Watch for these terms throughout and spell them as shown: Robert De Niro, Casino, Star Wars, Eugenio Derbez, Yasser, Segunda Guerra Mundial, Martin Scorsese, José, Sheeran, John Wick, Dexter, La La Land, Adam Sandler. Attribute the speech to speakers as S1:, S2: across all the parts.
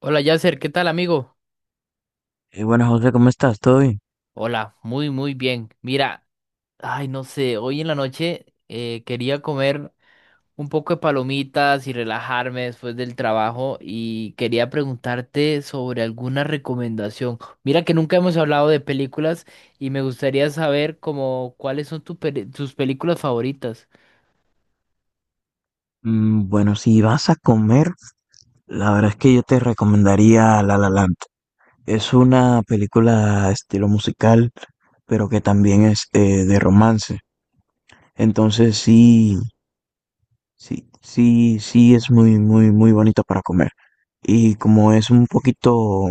S1: Hola Yasser, ¿qué tal amigo?
S2: Buenas, José, ¿cómo estás? ¿Todo bien?
S1: Hola, muy muy bien. Mira, ay no sé, hoy en la noche quería comer un poco de palomitas y relajarme después del trabajo y quería preguntarte sobre alguna recomendación. Mira que nunca hemos hablado de películas y me gustaría saber como cuáles son tus películas favoritas.
S2: Bueno, si vas a comer, la verdad es que yo te recomendaría La La Land. Es una película estilo musical, pero que también es de romance. Entonces sí, sí, sí, sí es muy, muy, muy bonito para comer. Y como es un poquito,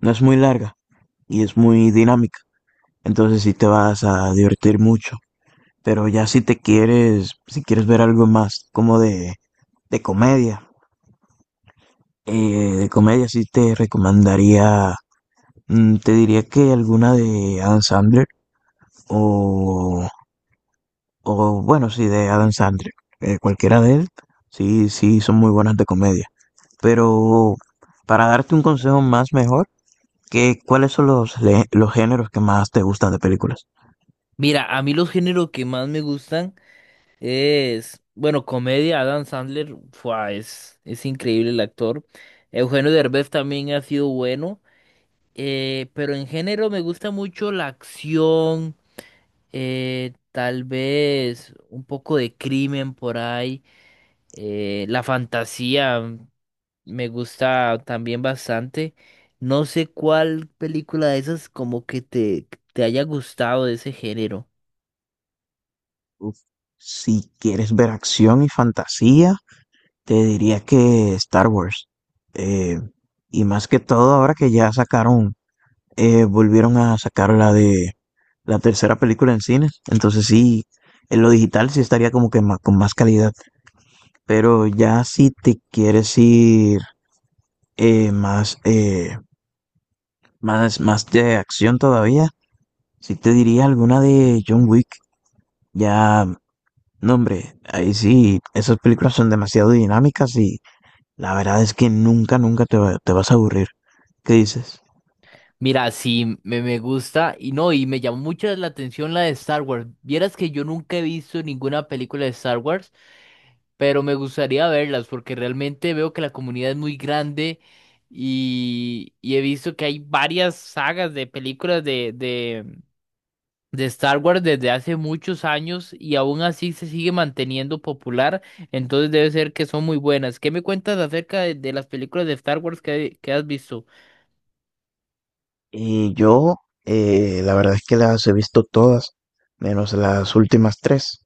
S2: no es muy larga y es muy dinámica, entonces sí te vas a divertir mucho. Pero ya si quieres ver algo más como de comedia, de comedia sí te recomendaría, te diría que alguna de Adam Sandler o, o bueno, sí, de Adam Sandler. Cualquiera de él, sí, sí, son muy buenas de comedia. Pero para darte un consejo más mejor, ¿ cuáles son los géneros que más te gustan de películas?
S1: Mira, a mí los géneros que más me gustan es, bueno, comedia, Adam Sandler, fua, es increíble el actor. Eugenio Derbez también ha sido bueno, pero en género me gusta mucho la acción, tal vez un poco de crimen por ahí, la fantasía me gusta también bastante. No sé cuál película de esas como que te haya gustado de ese género.
S2: Uf, si quieres ver acción y fantasía, te diría que Star Wars. Eh, y más que todo, ahora que volvieron a sacar la de la tercera película en cine. Entonces sí, en lo digital sí estaría como que con más calidad. Pero ya si te quieres ir más, más de acción todavía, sí te diría alguna de John Wick. Ya, no hombre, ahí sí, esas películas son demasiado dinámicas y la verdad es que nunca te vas a aburrir. ¿Qué dices?
S1: Mira, sí, me gusta y no, y me llamó mucho la atención la de Star Wars. Vieras que yo nunca he visto ninguna película de Star Wars, pero me gustaría verlas porque realmente veo que la comunidad es muy grande y he visto que hay varias sagas de películas de Star Wars desde hace muchos años y aún así se sigue manteniendo popular, entonces debe ser que son muy buenas. ¿Qué me cuentas acerca de las películas de Star Wars que has visto?
S2: Y yo, la verdad es que las he visto todas, menos las últimas tres.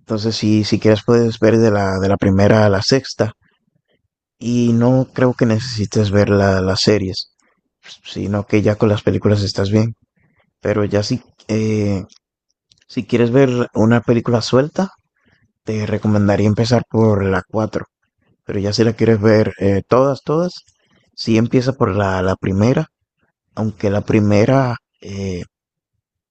S2: Entonces, si quieres, puedes ver de la primera a la sexta. Y no creo que necesites ver las series, sino que ya con las películas estás bien. Pero ya eh, si quieres ver una película suelta, te recomendaría empezar por la cuatro. Pero ya si la quieres ver todas, todas, sí empieza por la primera, aunque la primera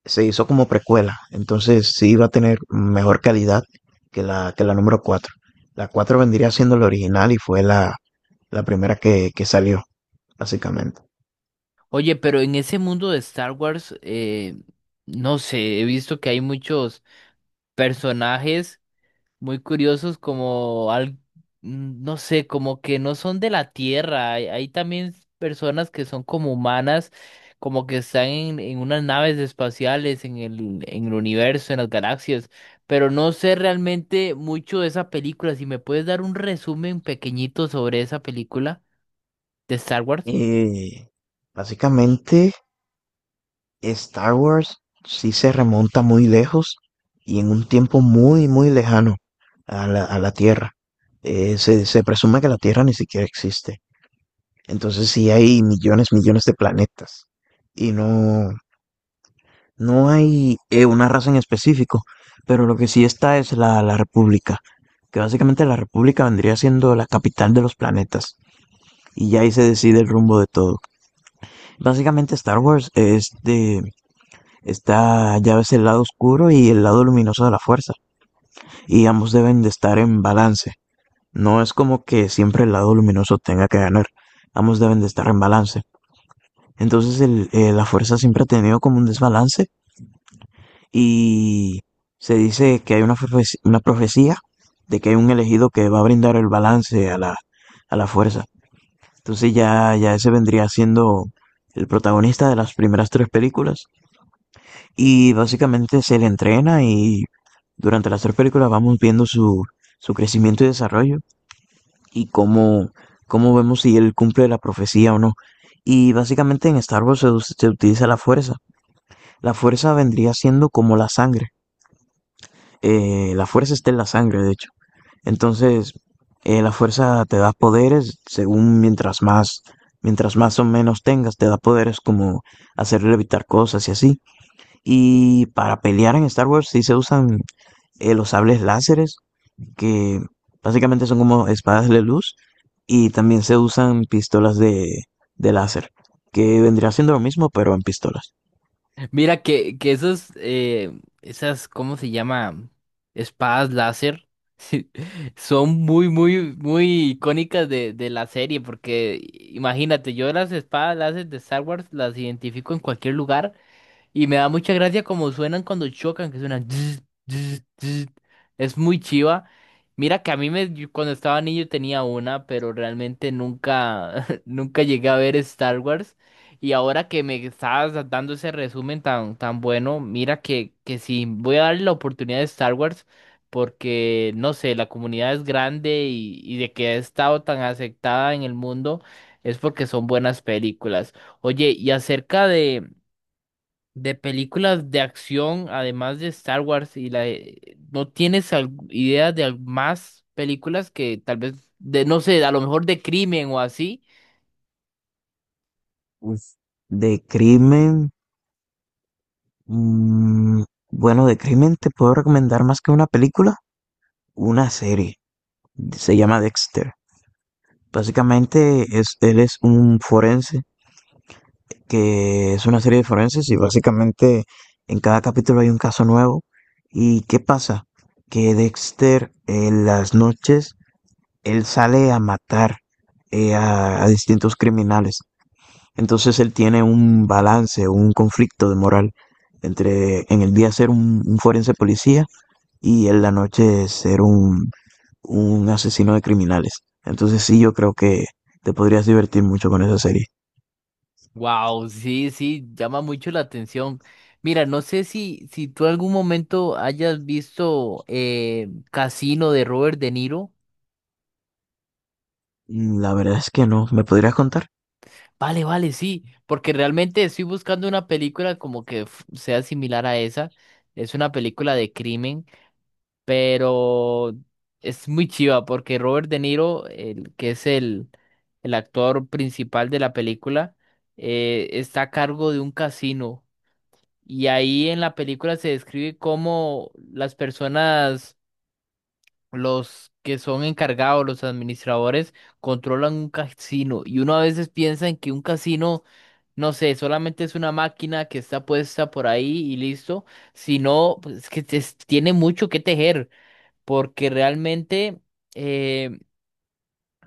S2: se hizo como precuela, entonces sí iba a tener mejor calidad que la número 4. La 4 vendría siendo la original y fue la primera que salió, básicamente.
S1: Oye, pero en ese mundo de Star Wars, no sé, he visto que hay muchos personajes muy curiosos como, al, no sé, como que no son de la Tierra. Hay también personas que son como humanas, como que están en unas naves espaciales, en en el universo, en las galaxias. Pero no sé realmente mucho de esa película. Si me puedes dar un resumen pequeñito sobre esa película de Star Wars.
S2: Y básicamente Star Wars sí se remonta muy lejos y en un tiempo muy, muy lejano a la Tierra. Se presume que la Tierra ni siquiera existe. Entonces sí hay millones, millones de planetas y no, no hay una raza en específico, pero lo que sí está es la República, que básicamente la República vendría siendo la capital de los planetas y ya ahí se decide el rumbo de todo. Básicamente Star Wars es de, está ya ves el lado oscuro y el lado luminoso de la fuerza y ambos deben de estar en balance. No es como que siempre el lado luminoso tenga que ganar, ambos deben de estar en balance. Entonces la fuerza siempre ha tenido como un desbalance y se dice que hay una profecía de que hay un elegido que va a brindar el balance a la fuerza. Entonces ya ese vendría siendo el protagonista de las primeras tres películas y básicamente se le entrena y durante las tres películas vamos viendo su crecimiento y desarrollo y cómo vemos si él cumple la profecía o no. Y básicamente en Star Wars se utiliza la fuerza. La fuerza vendría siendo como la sangre. La fuerza está en la sangre, de hecho. Entonces, la fuerza te da poderes según mientras más o menos tengas, te da poderes como hacer levitar cosas y así. Y para pelear en Star Wars sí se usan los sables láseres, que básicamente son como espadas de luz, y también se usan pistolas de láser, que vendría siendo lo mismo, pero en pistolas.
S1: Mira que esos, esas, ¿cómo se llama? Espadas láser, sí, son muy, muy, muy icónicas de la serie, porque imagínate, yo las espadas láser de Star Wars las identifico en cualquier lugar. Y me da mucha gracia como suenan cuando chocan, que suenan. Zzz, zzz, zzz. Es muy chiva. Mira que a mí me, yo cuando estaba niño tenía una, pero realmente nunca, nunca llegué a ver Star Wars. Y ahora que me estabas dando ese resumen tan, tan bueno, mira que sí, voy a darle la oportunidad de Star Wars, porque no sé, la comunidad es grande y de que ha estado tan aceptada en el mundo es porque son buenas películas. Oye, y acerca de películas de acción, además de Star Wars y la de- ¿no tienes al- idea de al- más películas que tal vez de no sé, a lo mejor de crimen o así?
S2: Uf, de crimen. mm, bueno, de crimen te puedo recomendar más que una película, una serie. Se llama Dexter. Básicamente es, él es un forense que es una serie de forenses y básicamente en cada capítulo hay un caso nuevo. ¿Y qué pasa? Que Dexter en las noches, él sale a matar a distintos criminales. Entonces él tiene un balance, un conflicto de moral entre en el día ser un forense policía y en la noche ser un asesino de criminales. Entonces sí, yo creo que te podrías divertir mucho con esa serie.
S1: Wow, sí, sí, llama mucho la atención. Mira, no sé si si tú algún momento hayas visto Casino de Robert De Niro.
S2: La verdad es que no. ¿Me podrías contar?
S1: Vale, vale, sí, porque realmente estoy buscando una película como que sea similar a esa. Es una película de crimen, pero es muy chiva porque Robert De Niro, el que es el actor principal de la película, está a cargo de un casino y ahí en la película se describe cómo las personas, los que son encargados, los administradores, controlan un casino y uno a veces piensa en que un casino, no sé, solamente es una máquina que está puesta por ahí y listo, sino pues, es que tiene mucho que tejer porque realmente eh,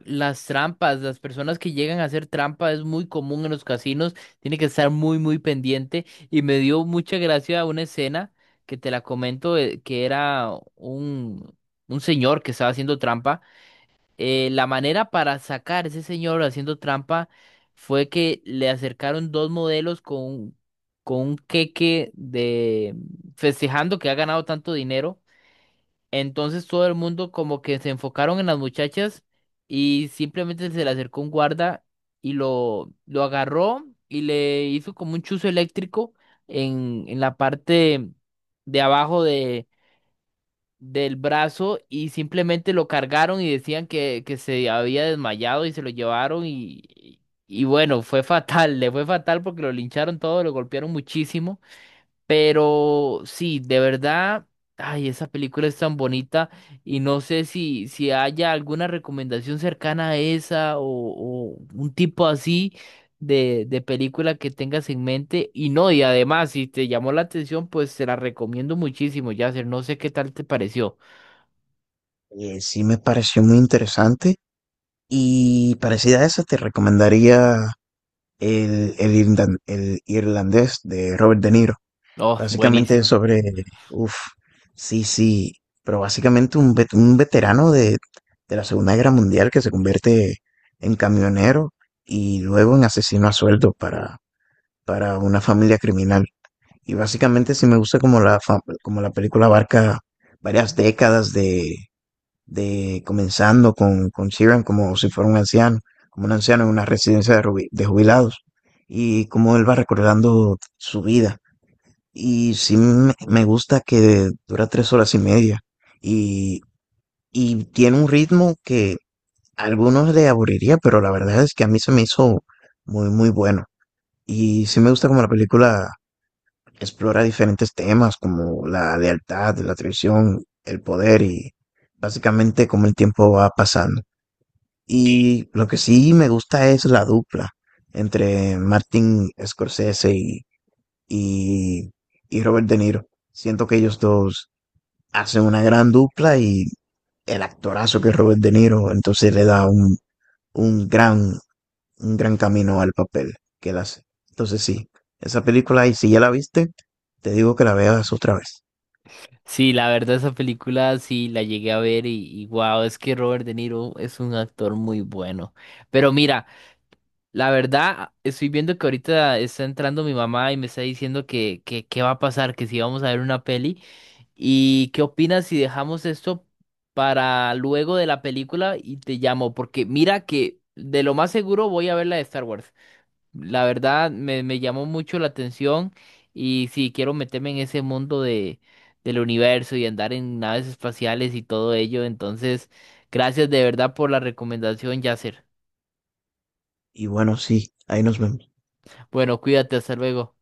S1: las trampas, las personas que llegan a hacer trampa es muy común en los casinos, tiene que estar muy, muy pendiente y me dio mucha gracia una escena que te la comento, que era un señor que estaba haciendo trampa. La manera para sacar a ese señor haciendo trampa fue que le acercaron dos modelos con un queque de festejando que ha ganado tanto dinero. Entonces todo el mundo como que se enfocaron en las muchachas y simplemente se le acercó un guarda y lo agarró y le hizo como un chuzo eléctrico en la parte de abajo del brazo y simplemente lo cargaron y decían que se había desmayado y se lo llevaron y bueno, fue fatal, le fue fatal porque lo lincharon todo, lo golpearon muchísimo. Pero sí, de verdad, ay, esa película es tan bonita y no sé si haya alguna recomendación cercana a esa o un tipo así de película que tengas en mente. Y no, y además, si te llamó la atención, pues te la recomiendo muchísimo, Yasser. No sé qué tal te pareció.
S2: Sí me pareció muy interesante y parecida a esa te recomendaría el irlandés de Robert De Niro.
S1: Oh,
S2: Básicamente es
S1: buenísima.
S2: sobre, uff, sí, sí, pero básicamente un veterano de la Segunda Guerra Mundial que se convierte en camionero y luego en asesino a sueldo para una familia criminal. Y básicamente sí me gusta como la película abarca varias décadas de comenzando con Sheeran como si fuera un anciano, como un anciano en una residencia de jubilados, y cómo él va recordando su vida. Y sí me gusta que dura 3 horas y media, y, y tiene un ritmo que a algunos le aburriría, pero la verdad es que a mí se me hizo muy, muy bueno. Y sí me gusta como la película explora diferentes temas como la lealtad, la traición, el poder y básicamente cómo el tiempo va pasando. Y lo que sí me gusta es la dupla entre Martin Scorsese y, y Robert De Niro. Siento que ellos dos hacen una gran dupla y el actorazo que es Robert De Niro, entonces le da un gran, un gran camino al papel que él hace. Entonces sí, esa película, y si ya la viste, te digo que la veas otra vez.
S1: Sí, la verdad, esa película sí la llegué a ver y wow, es que Robert De Niro es un actor muy bueno. Pero mira. La verdad, estoy viendo que ahorita está entrando mi mamá y me está diciendo que qué va a pasar, que si vamos a ver una peli. ¿Y qué opinas si dejamos esto para luego de la película y te llamo? Porque mira que de lo más seguro voy a ver la de Star Wars. La verdad, me llamó mucho la atención y sí quiero meterme en ese mundo de, del universo y andar en naves espaciales y todo ello. Entonces, gracias de verdad por la recomendación, Yasser.
S2: Y bueno, sí, ahí nos vemos.
S1: Bueno, cuídate, hasta luego.